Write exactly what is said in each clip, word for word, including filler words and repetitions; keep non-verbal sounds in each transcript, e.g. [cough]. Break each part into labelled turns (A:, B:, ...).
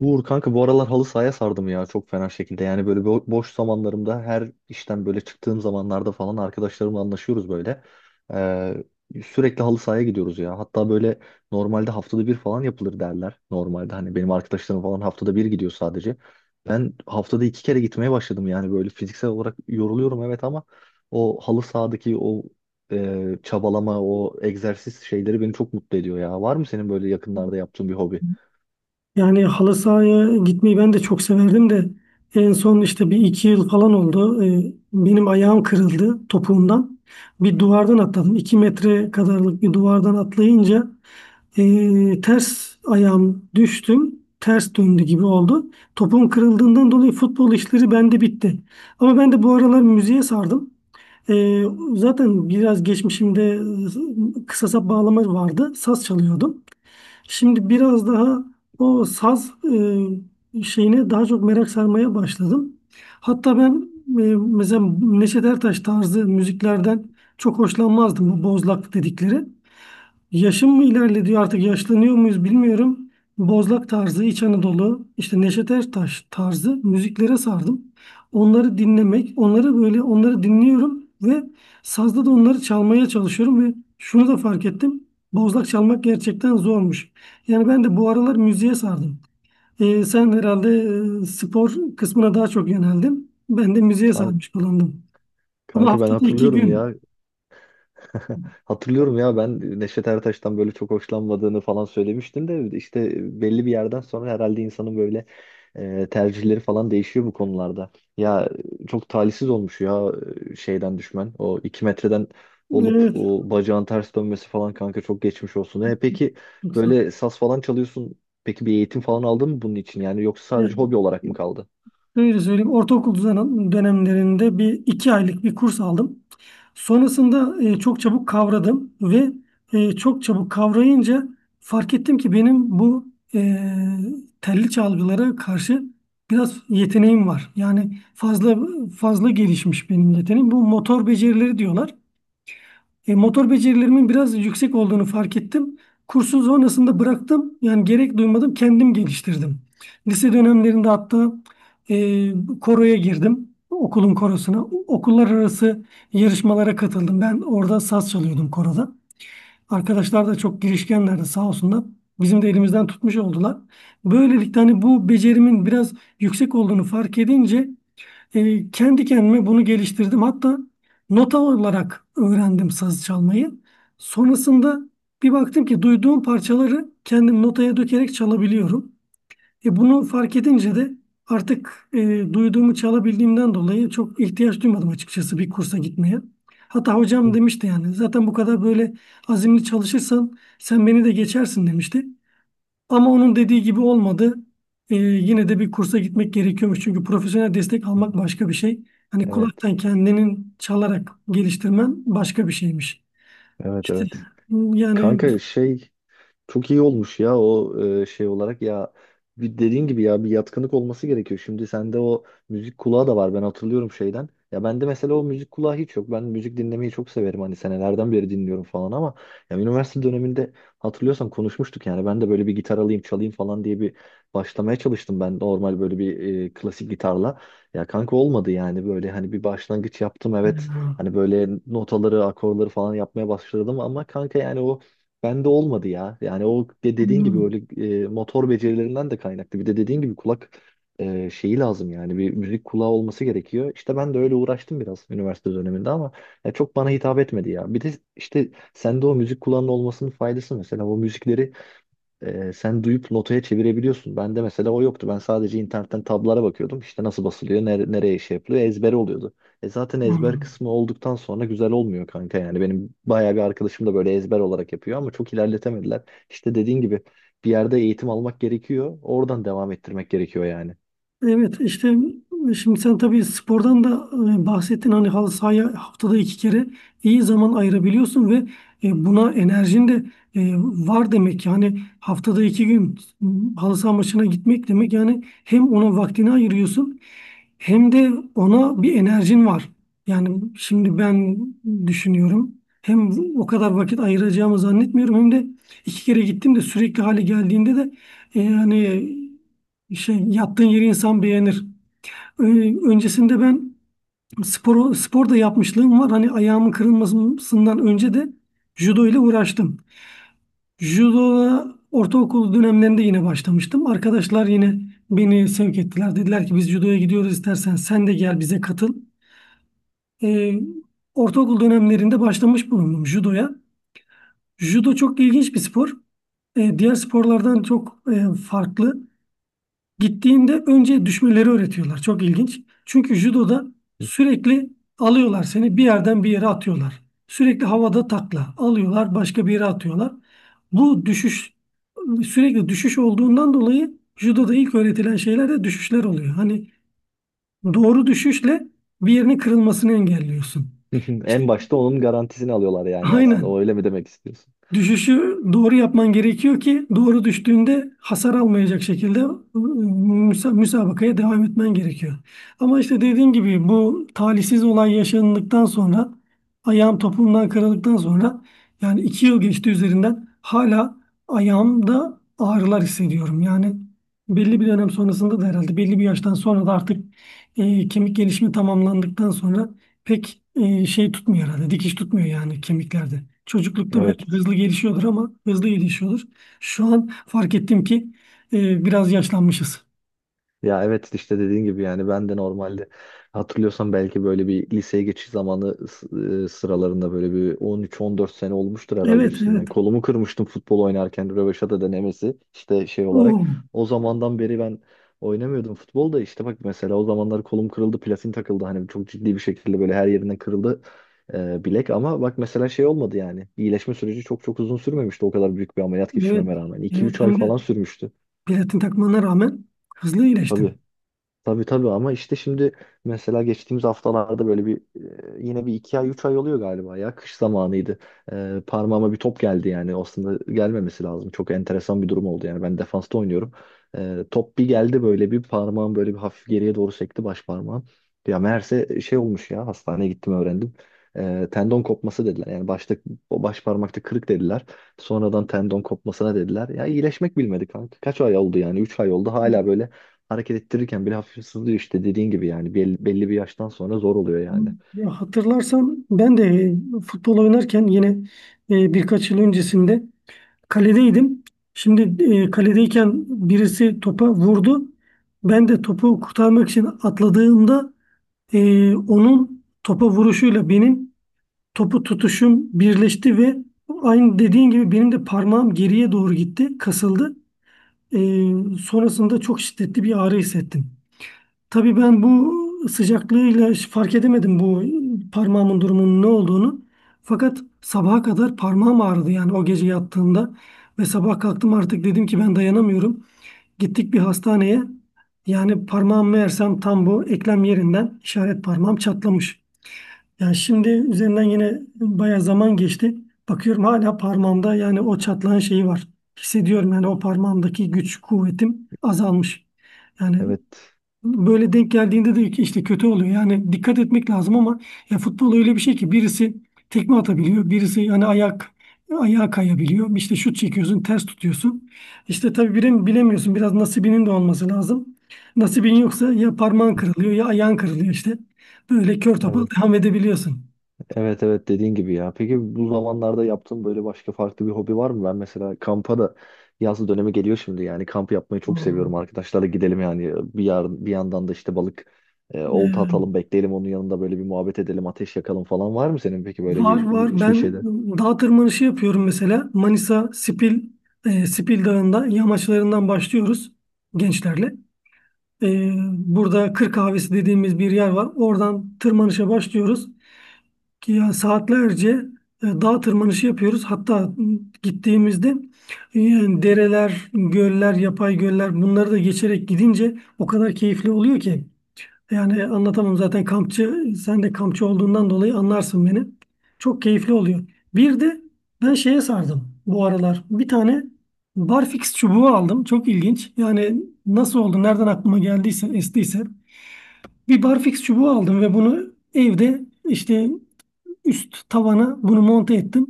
A: Uğur kanka bu aralar halı sahaya sardım ya çok fena şekilde. Yani böyle bo- boş zamanlarımda her işten böyle çıktığım zamanlarda falan arkadaşlarımla anlaşıyoruz böyle. Ee, sürekli halı sahaya gidiyoruz ya. Hatta böyle normalde haftada bir falan yapılır derler. Normalde hani benim arkadaşlarım falan haftada bir gidiyor sadece. Ben haftada iki kere gitmeye başladım, yani böyle fiziksel olarak yoruluyorum, evet, ama o halı sahadaki o e, çabalama, o egzersiz şeyleri beni çok mutlu ediyor ya. Var mı senin böyle yakınlarda yaptığın bir hobi?
B: Yani halı sahaya gitmeyi ben de çok severdim de en son işte bir iki yıl falan oldu. Ee, Benim ayağım kırıldı topuğumdan. Bir duvardan atladım. iki metre kadarlık bir duvardan atlayınca ee, ters ayağım düştüm. Ters döndü gibi oldu. Topuğum kırıldığından dolayı futbol işleri bende bitti. Ama ben de bu aralar müziğe sardım. Ee, zaten biraz geçmişimde e, kısa sap bağlama vardı. Saz çalıyordum. Şimdi biraz daha o saz e, şeyine daha çok merak sarmaya başladım. Hatta ben e, mesela Neşet Ertaş tarzı müziklerden çok hoşlanmazdım bu bozlak dedikleri. Yaşım mı ilerlediği artık yaşlanıyor muyuz bilmiyorum. Bozlak tarzı, İç Anadolu, işte Neşet Ertaş tarzı müziklere sardım. Onları dinlemek, onları böyle onları dinliyorum ve sazda da onları çalmaya çalışıyorum ve şunu da fark ettim. Bozlak çalmak gerçekten zormuş. Yani ben de bu aralar müziğe sardım. Ee, sen herhalde e, spor kısmına daha çok yöneldin. Ben de müziğe sarmış bulundum. Ama
A: Kanka ben
B: haftada iki
A: hatırlıyorum
B: gün.
A: ya. [laughs] Hatırlıyorum ya, ben Neşet Ertaş'tan böyle çok hoşlanmadığını falan söylemiştin de işte belli bir yerden sonra herhalde insanın böyle e, tercihleri falan değişiyor bu konularda. Ya çok talihsiz olmuş ya e, şeyden düşmen. O iki metreden olup
B: Evet,
A: o bacağın ters dönmesi falan, kanka, çok geçmiş olsun. E, peki
B: çok sağ ol.
A: böyle saz falan çalıyorsun. Peki bir eğitim falan aldın mı bunun için? Yani yoksa sadece
B: Yani,
A: hobi olarak mı kaldı?
B: şöyle söyleyeyim, ortaokul düzen- dönemlerinde bir iki aylık bir kurs aldım. Sonrasında e, çok çabuk kavradım ve e, çok çabuk kavrayınca fark ettim ki benim bu e, telli çalgılara karşı biraz yeteneğim var. Yani fazla fazla gelişmiş benim yeteneğim. Bu motor becerileri diyorlar. E, motor becerilerimin biraz yüksek olduğunu fark ettim. Kursun sonrasında bıraktım. Yani gerek duymadım, kendim geliştirdim. Lise dönemlerinde hatta e, koroya girdim. Okulun korosuna. Okullar arası yarışmalara katıldım. Ben orada saz çalıyordum koroda. Arkadaşlar da çok girişkenlerdi sağ olsunlar. Bizim de elimizden tutmuş oldular. Böylelikle hani bu becerimin biraz yüksek olduğunu fark edince e, kendi kendime bunu geliştirdim. Hatta nota olarak öğrendim saz çalmayı. Sonrasında bir baktım ki duyduğum parçaları kendim notaya dökerek çalabiliyorum. E, bunu fark edince de artık e, duyduğumu çalabildiğimden dolayı çok ihtiyaç duymadım açıkçası bir kursa gitmeye. Hatta hocam
A: Hı.
B: demişti yani zaten bu kadar böyle azimli çalışırsan sen beni de geçersin demişti. Ama onun dediği gibi olmadı. Ee, yine de bir kursa gitmek gerekiyormuş. Çünkü profesyonel destek almak başka bir şey. Hani
A: Evet.
B: kulaktan kendinin çalarak geliştirmen başka bir şeymiş.
A: Evet,
B: İşte,
A: evet.
B: yani...
A: Kanka şey, çok iyi olmuş ya o e, şey olarak ya, bir dediğin gibi ya, bir yatkınlık olması gerekiyor. Şimdi sende o müzik kulağı da var, ben hatırlıyorum şeyden. Ya bende mesela o müzik kulağı hiç yok. Ben müzik dinlemeyi çok severim, hani senelerden beri dinliyorum falan, ama ya üniversite döneminde hatırlıyorsan konuşmuştuk, yani ben de böyle bir gitar alayım çalayım falan diye bir başlamaya çalıştım, ben normal böyle bir e, klasik gitarla. Ya kanka olmadı yani, böyle hani bir başlangıç yaptım evet,
B: Ya,
A: hani böyle notaları akorları falan yapmaya başladım ama kanka yani o bende olmadı ya. Yani o de dediğin gibi, öyle
B: anladım,
A: e, motor becerilerinden de kaynaklı. Bir de dediğin gibi kulak e, şeyi lazım, yani bir müzik kulağı olması gerekiyor. İşte ben de öyle uğraştım biraz üniversite döneminde ama ya çok bana hitap etmedi ya. Bir de işte sende o müzik kulağının olmasının faydası, mesela o müzikleri ee, sen duyup notaya çevirebiliyorsun. Bende mesela o yoktu. Ben sadece internetten tablara bakıyordum. İşte nasıl basılıyor, nere- nereye şey yapılıyor, ezber oluyordu. E zaten ezber
B: anladım.
A: kısmı olduktan sonra güzel olmuyor kanka yani. Benim bayağı bir arkadaşım da böyle ezber olarak yapıyor ama çok ilerletemediler. İşte dediğin gibi bir yerde eğitim almak gerekiyor. Oradan devam ettirmek gerekiyor yani.
B: Evet, işte şimdi sen tabii spordan da e, bahsettin, hani halı sahaya haftada iki kere iyi zaman ayırabiliyorsun ve e, buna enerjin de e, var demek. Yani haftada iki gün m, halı saha maçına gitmek demek, yani hem ona vaktini ayırıyorsun hem de ona bir enerjin var. Yani şimdi ben düşünüyorum, hem o kadar vakit ayıracağımı zannetmiyorum hem de iki kere gittim de sürekli hale geldiğinde de e, yani şey, yattığın yeri insan beğenir. Ö- Öncesinde ben spor, spor da yapmışlığım var. Hani ayağımın kırılmasından önce de judo ile uğraştım. Judo'ya ortaokul dönemlerinde yine başlamıştım. Arkadaşlar yine beni sevk ettiler. Dediler ki biz judoya gidiyoruz, istersen sen de gel bize katıl. Ee, ortaokul dönemlerinde başlamış bulundum judoya. Judo çok ilginç bir spor. E, diğer sporlardan çok e, farklı. Gittiğinde önce düşmeleri öğretiyorlar. Çok ilginç. Çünkü judoda sürekli alıyorlar seni, bir yerden bir yere atıyorlar. Sürekli havada takla alıyorlar, başka bir yere atıyorlar. Bu düşüş sürekli düşüş olduğundan dolayı judoda ilk öğretilen şeyler de düşüşler oluyor. Hani doğru düşüşle bir yerinin kırılmasını engelliyorsun.
A: [laughs]
B: İşte,
A: En başta onun garantisini alıyorlar yani aslında. O
B: aynen.
A: öyle mi demek istiyorsun?
B: Düşüşü doğru yapman gerekiyor ki doğru düştüğünde hasar almayacak şekilde ıı, müsa- müsabakaya devam etmen gerekiyor. Ama işte dediğim gibi bu talihsiz olay yaşandıktan sonra, ayağım topuğumdan kırıldıktan sonra, yani iki yıl geçti üzerinden, hala ayağımda ağrılar hissediyorum. Yani belli bir dönem sonrasında da herhalde, belli bir yaştan sonra da artık e, kemik gelişimi tamamlandıktan sonra pek e, şey tutmuyor herhalde. Dikiş tutmuyor yani kemiklerde. Çocuklukta belki
A: Evet.
B: hızlı gelişiyordur ama hızlı gelişiyordur. Şu an fark ettim ki e, biraz yaşlanmışız.
A: Ya evet, işte dediğin gibi, yani ben de normalde, hatırlıyorsan, belki böyle bir liseye geçiş zamanı s- e, sıralarında, böyle bir on üç on dört sene olmuştur herhalde
B: Evet,
A: üstünden.
B: evet.
A: Kolumu kırmıştım futbol oynarken, röveşata denemesi işte şey
B: Oo,
A: olarak. O zamandan beri ben oynamıyordum futbol da, işte bak mesela o zamanlar kolum kırıldı, platin takıldı, hani çok ciddi bir şekilde böyle her yerinden kırıldı e, bilek, ama bak mesela şey olmadı yani, iyileşme süreci çok çok uzun sürmemişti, o kadar büyük bir ameliyat
B: evet,
A: geçirmeme rağmen
B: evet.
A: iki üç ay
B: Hem de
A: falan sürmüştü.
B: platin takmana rağmen hızlı iyileştim.
A: Tabii. Tabii, tabii, ama işte şimdi mesela geçtiğimiz haftalarda böyle bir e, yine bir iki ay üç ay oluyor galiba, ya kış zamanıydı. E, parmağıma bir top geldi, yani aslında gelmemesi lazım. Çok enteresan bir durum oldu yani, ben defansta oynuyorum. E, top bir geldi böyle, bir parmağım böyle bir hafif geriye doğru sekti, baş parmağım. Ya meğerse şey olmuş ya, hastaneye gittim öğrendim. E, tendon kopması dediler, yani başta o baş parmakta kırık dediler. Sonradan tendon kopmasına dediler. Ya iyileşmek bilmedi kanka. Kaç ay oldu, yani üç ay oldu, hala böyle hareket ettirirken bile hafif sızlıyor, işte dediğin gibi yani belli, belli bir yaştan sonra zor oluyor yani.
B: Ya hatırlarsan ben de e, futbol oynarken yine e, birkaç yıl öncesinde kaledeydim. Şimdi e, kaledeyken birisi topa vurdu. Ben de topu kurtarmak için atladığımda, Ee, onun topa vuruşuyla benim topu tutuşum birleşti ve aynı dediğin gibi benim de parmağım geriye doğru gitti, kasıldı. Ee, sonrasında çok şiddetli bir ağrı hissettim. Tabii ben bu sıcaklığıyla hiç fark edemedim bu parmağımın durumunun ne olduğunu. Fakat sabaha kadar parmağım ağrıdı, yani o gece yattığımda, ve sabah kalktım artık dedim ki ben dayanamıyorum. Gittik bir hastaneye. Yani parmağım meğersem tam bu eklem yerinden, işaret parmağım çatlamış. Yani şimdi üzerinden yine bayağı zaman geçti. Bakıyorum hala parmağımda yani o çatlağın şeyi var. Hissediyorum yani, o parmağımdaki güç, kuvvetim azalmış. Yani
A: Evet.
B: böyle denk geldiğinde de işte kötü oluyor. Yani dikkat etmek lazım ama ya futbol öyle bir şey ki, birisi tekme atabiliyor, birisi yani ayak ayağa kayabiliyor. İşte şut çekiyorsun, ters tutuyorsun. İşte tabii birini bilemiyorsun. Biraz nasibinin de olması lazım. Nasibin yoksa ya parmağın kırılıyor ya ayağın kırılıyor işte. Böyle kör topal
A: Evet,
B: devam edebiliyorsun.
A: evet, evet dediğin gibi ya. Peki bu zamanlarda yaptığın böyle başka farklı bir hobi var mı? Ben mesela kampa da, yaz dönemi geliyor şimdi, yani kamp yapmayı çok
B: Hmm.
A: seviyorum. Arkadaşlarla gidelim yani bir yarın bir yandan da işte balık e, olta
B: Ee,
A: atalım, bekleyelim, onun yanında böyle bir muhabbet edelim, ateş yakalım falan. Var mı senin peki böyle
B: var
A: bir,
B: var,
A: bir, bir
B: ben
A: şeyler?
B: dağ tırmanışı yapıyorum mesela, Manisa Spil e, Spil Dağı'nda yamaçlarından başlıyoruz gençlerle. Ee, burada Kır Kahvesi dediğimiz bir yer var. Oradan tırmanışa başlıyoruz ki ya saatlerce e, dağ tırmanışı yapıyoruz. Hatta m, gittiğimizde e, yani dereler, göller, yapay göller, bunları da geçerek gidince o kadar keyifli oluyor ki. Yani anlatamam, zaten kampçı, sen de kampçı olduğundan dolayı anlarsın beni. Çok keyifli oluyor. Bir de ben şeye sardım bu aralar. Bir tane barfix çubuğu aldım. Çok ilginç. Yani nasıl oldu, nereden aklıma geldiyse, estiyse. Bir barfix çubuğu aldım ve bunu evde işte üst tavana bunu monte ettim.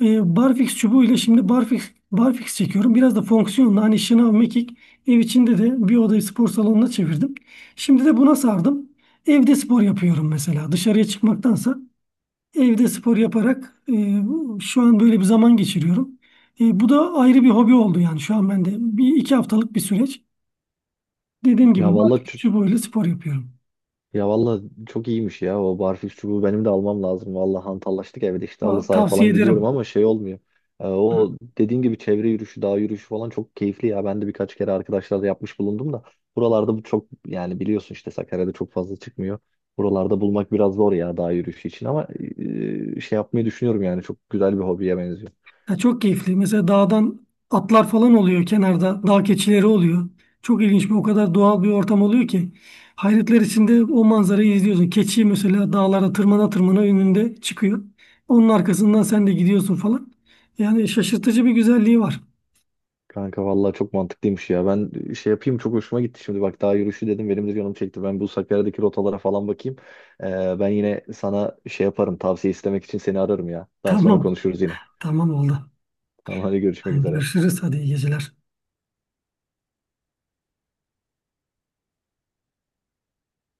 B: E, barfix çubuğuyla şimdi barfix barfix çekiyorum. Biraz da fonksiyonla, hani şınav, mekik, ev içinde de bir odayı spor salonuna çevirdim. Şimdi de buna sardım. Evde spor yapıyorum mesela. Dışarıya çıkmaktansa evde spor yaparak e, şu an böyle bir zaman geçiriyorum. E, bu da ayrı bir hobi oldu yani şu an bende. Bir iki haftalık bir süreç. Dediğim
A: Ya
B: gibi
A: vallahi
B: barfix
A: çü-
B: çubuğuyla spor yapıyorum.
A: ya vallahi çok iyiymiş ya o barfiks çubuğu, benim de almam lazım. Vallahi hantallaştık evde, işte halı
B: Va-
A: sahaya
B: Tavsiye
A: falan gidiyorum
B: ederim.
A: ama şey olmuyor. Ee, o dediğin gibi çevre yürüyüşü, dağ yürüyüşü falan çok keyifli ya. Ben de birkaç kere arkadaşlarla yapmış bulundum da buralarda bu çok, yani biliyorsun işte Sakarya'da çok fazla çıkmıyor. Buralarda bulmak biraz zor ya dağ yürüyüşü için, ama e, şey yapmayı düşünüyorum, yani çok güzel bir hobiye benziyor.
B: Ya çok keyifli. Mesela dağdan atlar falan oluyor kenarda. Dağ keçileri oluyor. Çok ilginç, bir o kadar doğal bir ortam oluyor ki. Hayretler içinde o manzarayı izliyorsun. Keçi mesela dağlara tırmana tırmana önünde çıkıyor. Onun arkasından sen de gidiyorsun falan. Yani şaşırtıcı bir güzelliği var.
A: Kanka vallahi çok mantıklıymış ya. Ben şey yapayım, çok hoşuma gitti şimdi. Bak, daha yürüyüşü dedim, benim de canım çekti. Ben bu Sakarya'daki rotalara falan bakayım. Ee, ben yine sana şey yaparım, tavsiye istemek için seni ararım ya.
B: [laughs]
A: Daha sonra
B: Tamam.
A: konuşuruz yine.
B: Tamam oldu.
A: Tamam, hadi görüşmek
B: Hadi
A: üzere.
B: görüşürüz. Hadi iyi geceler.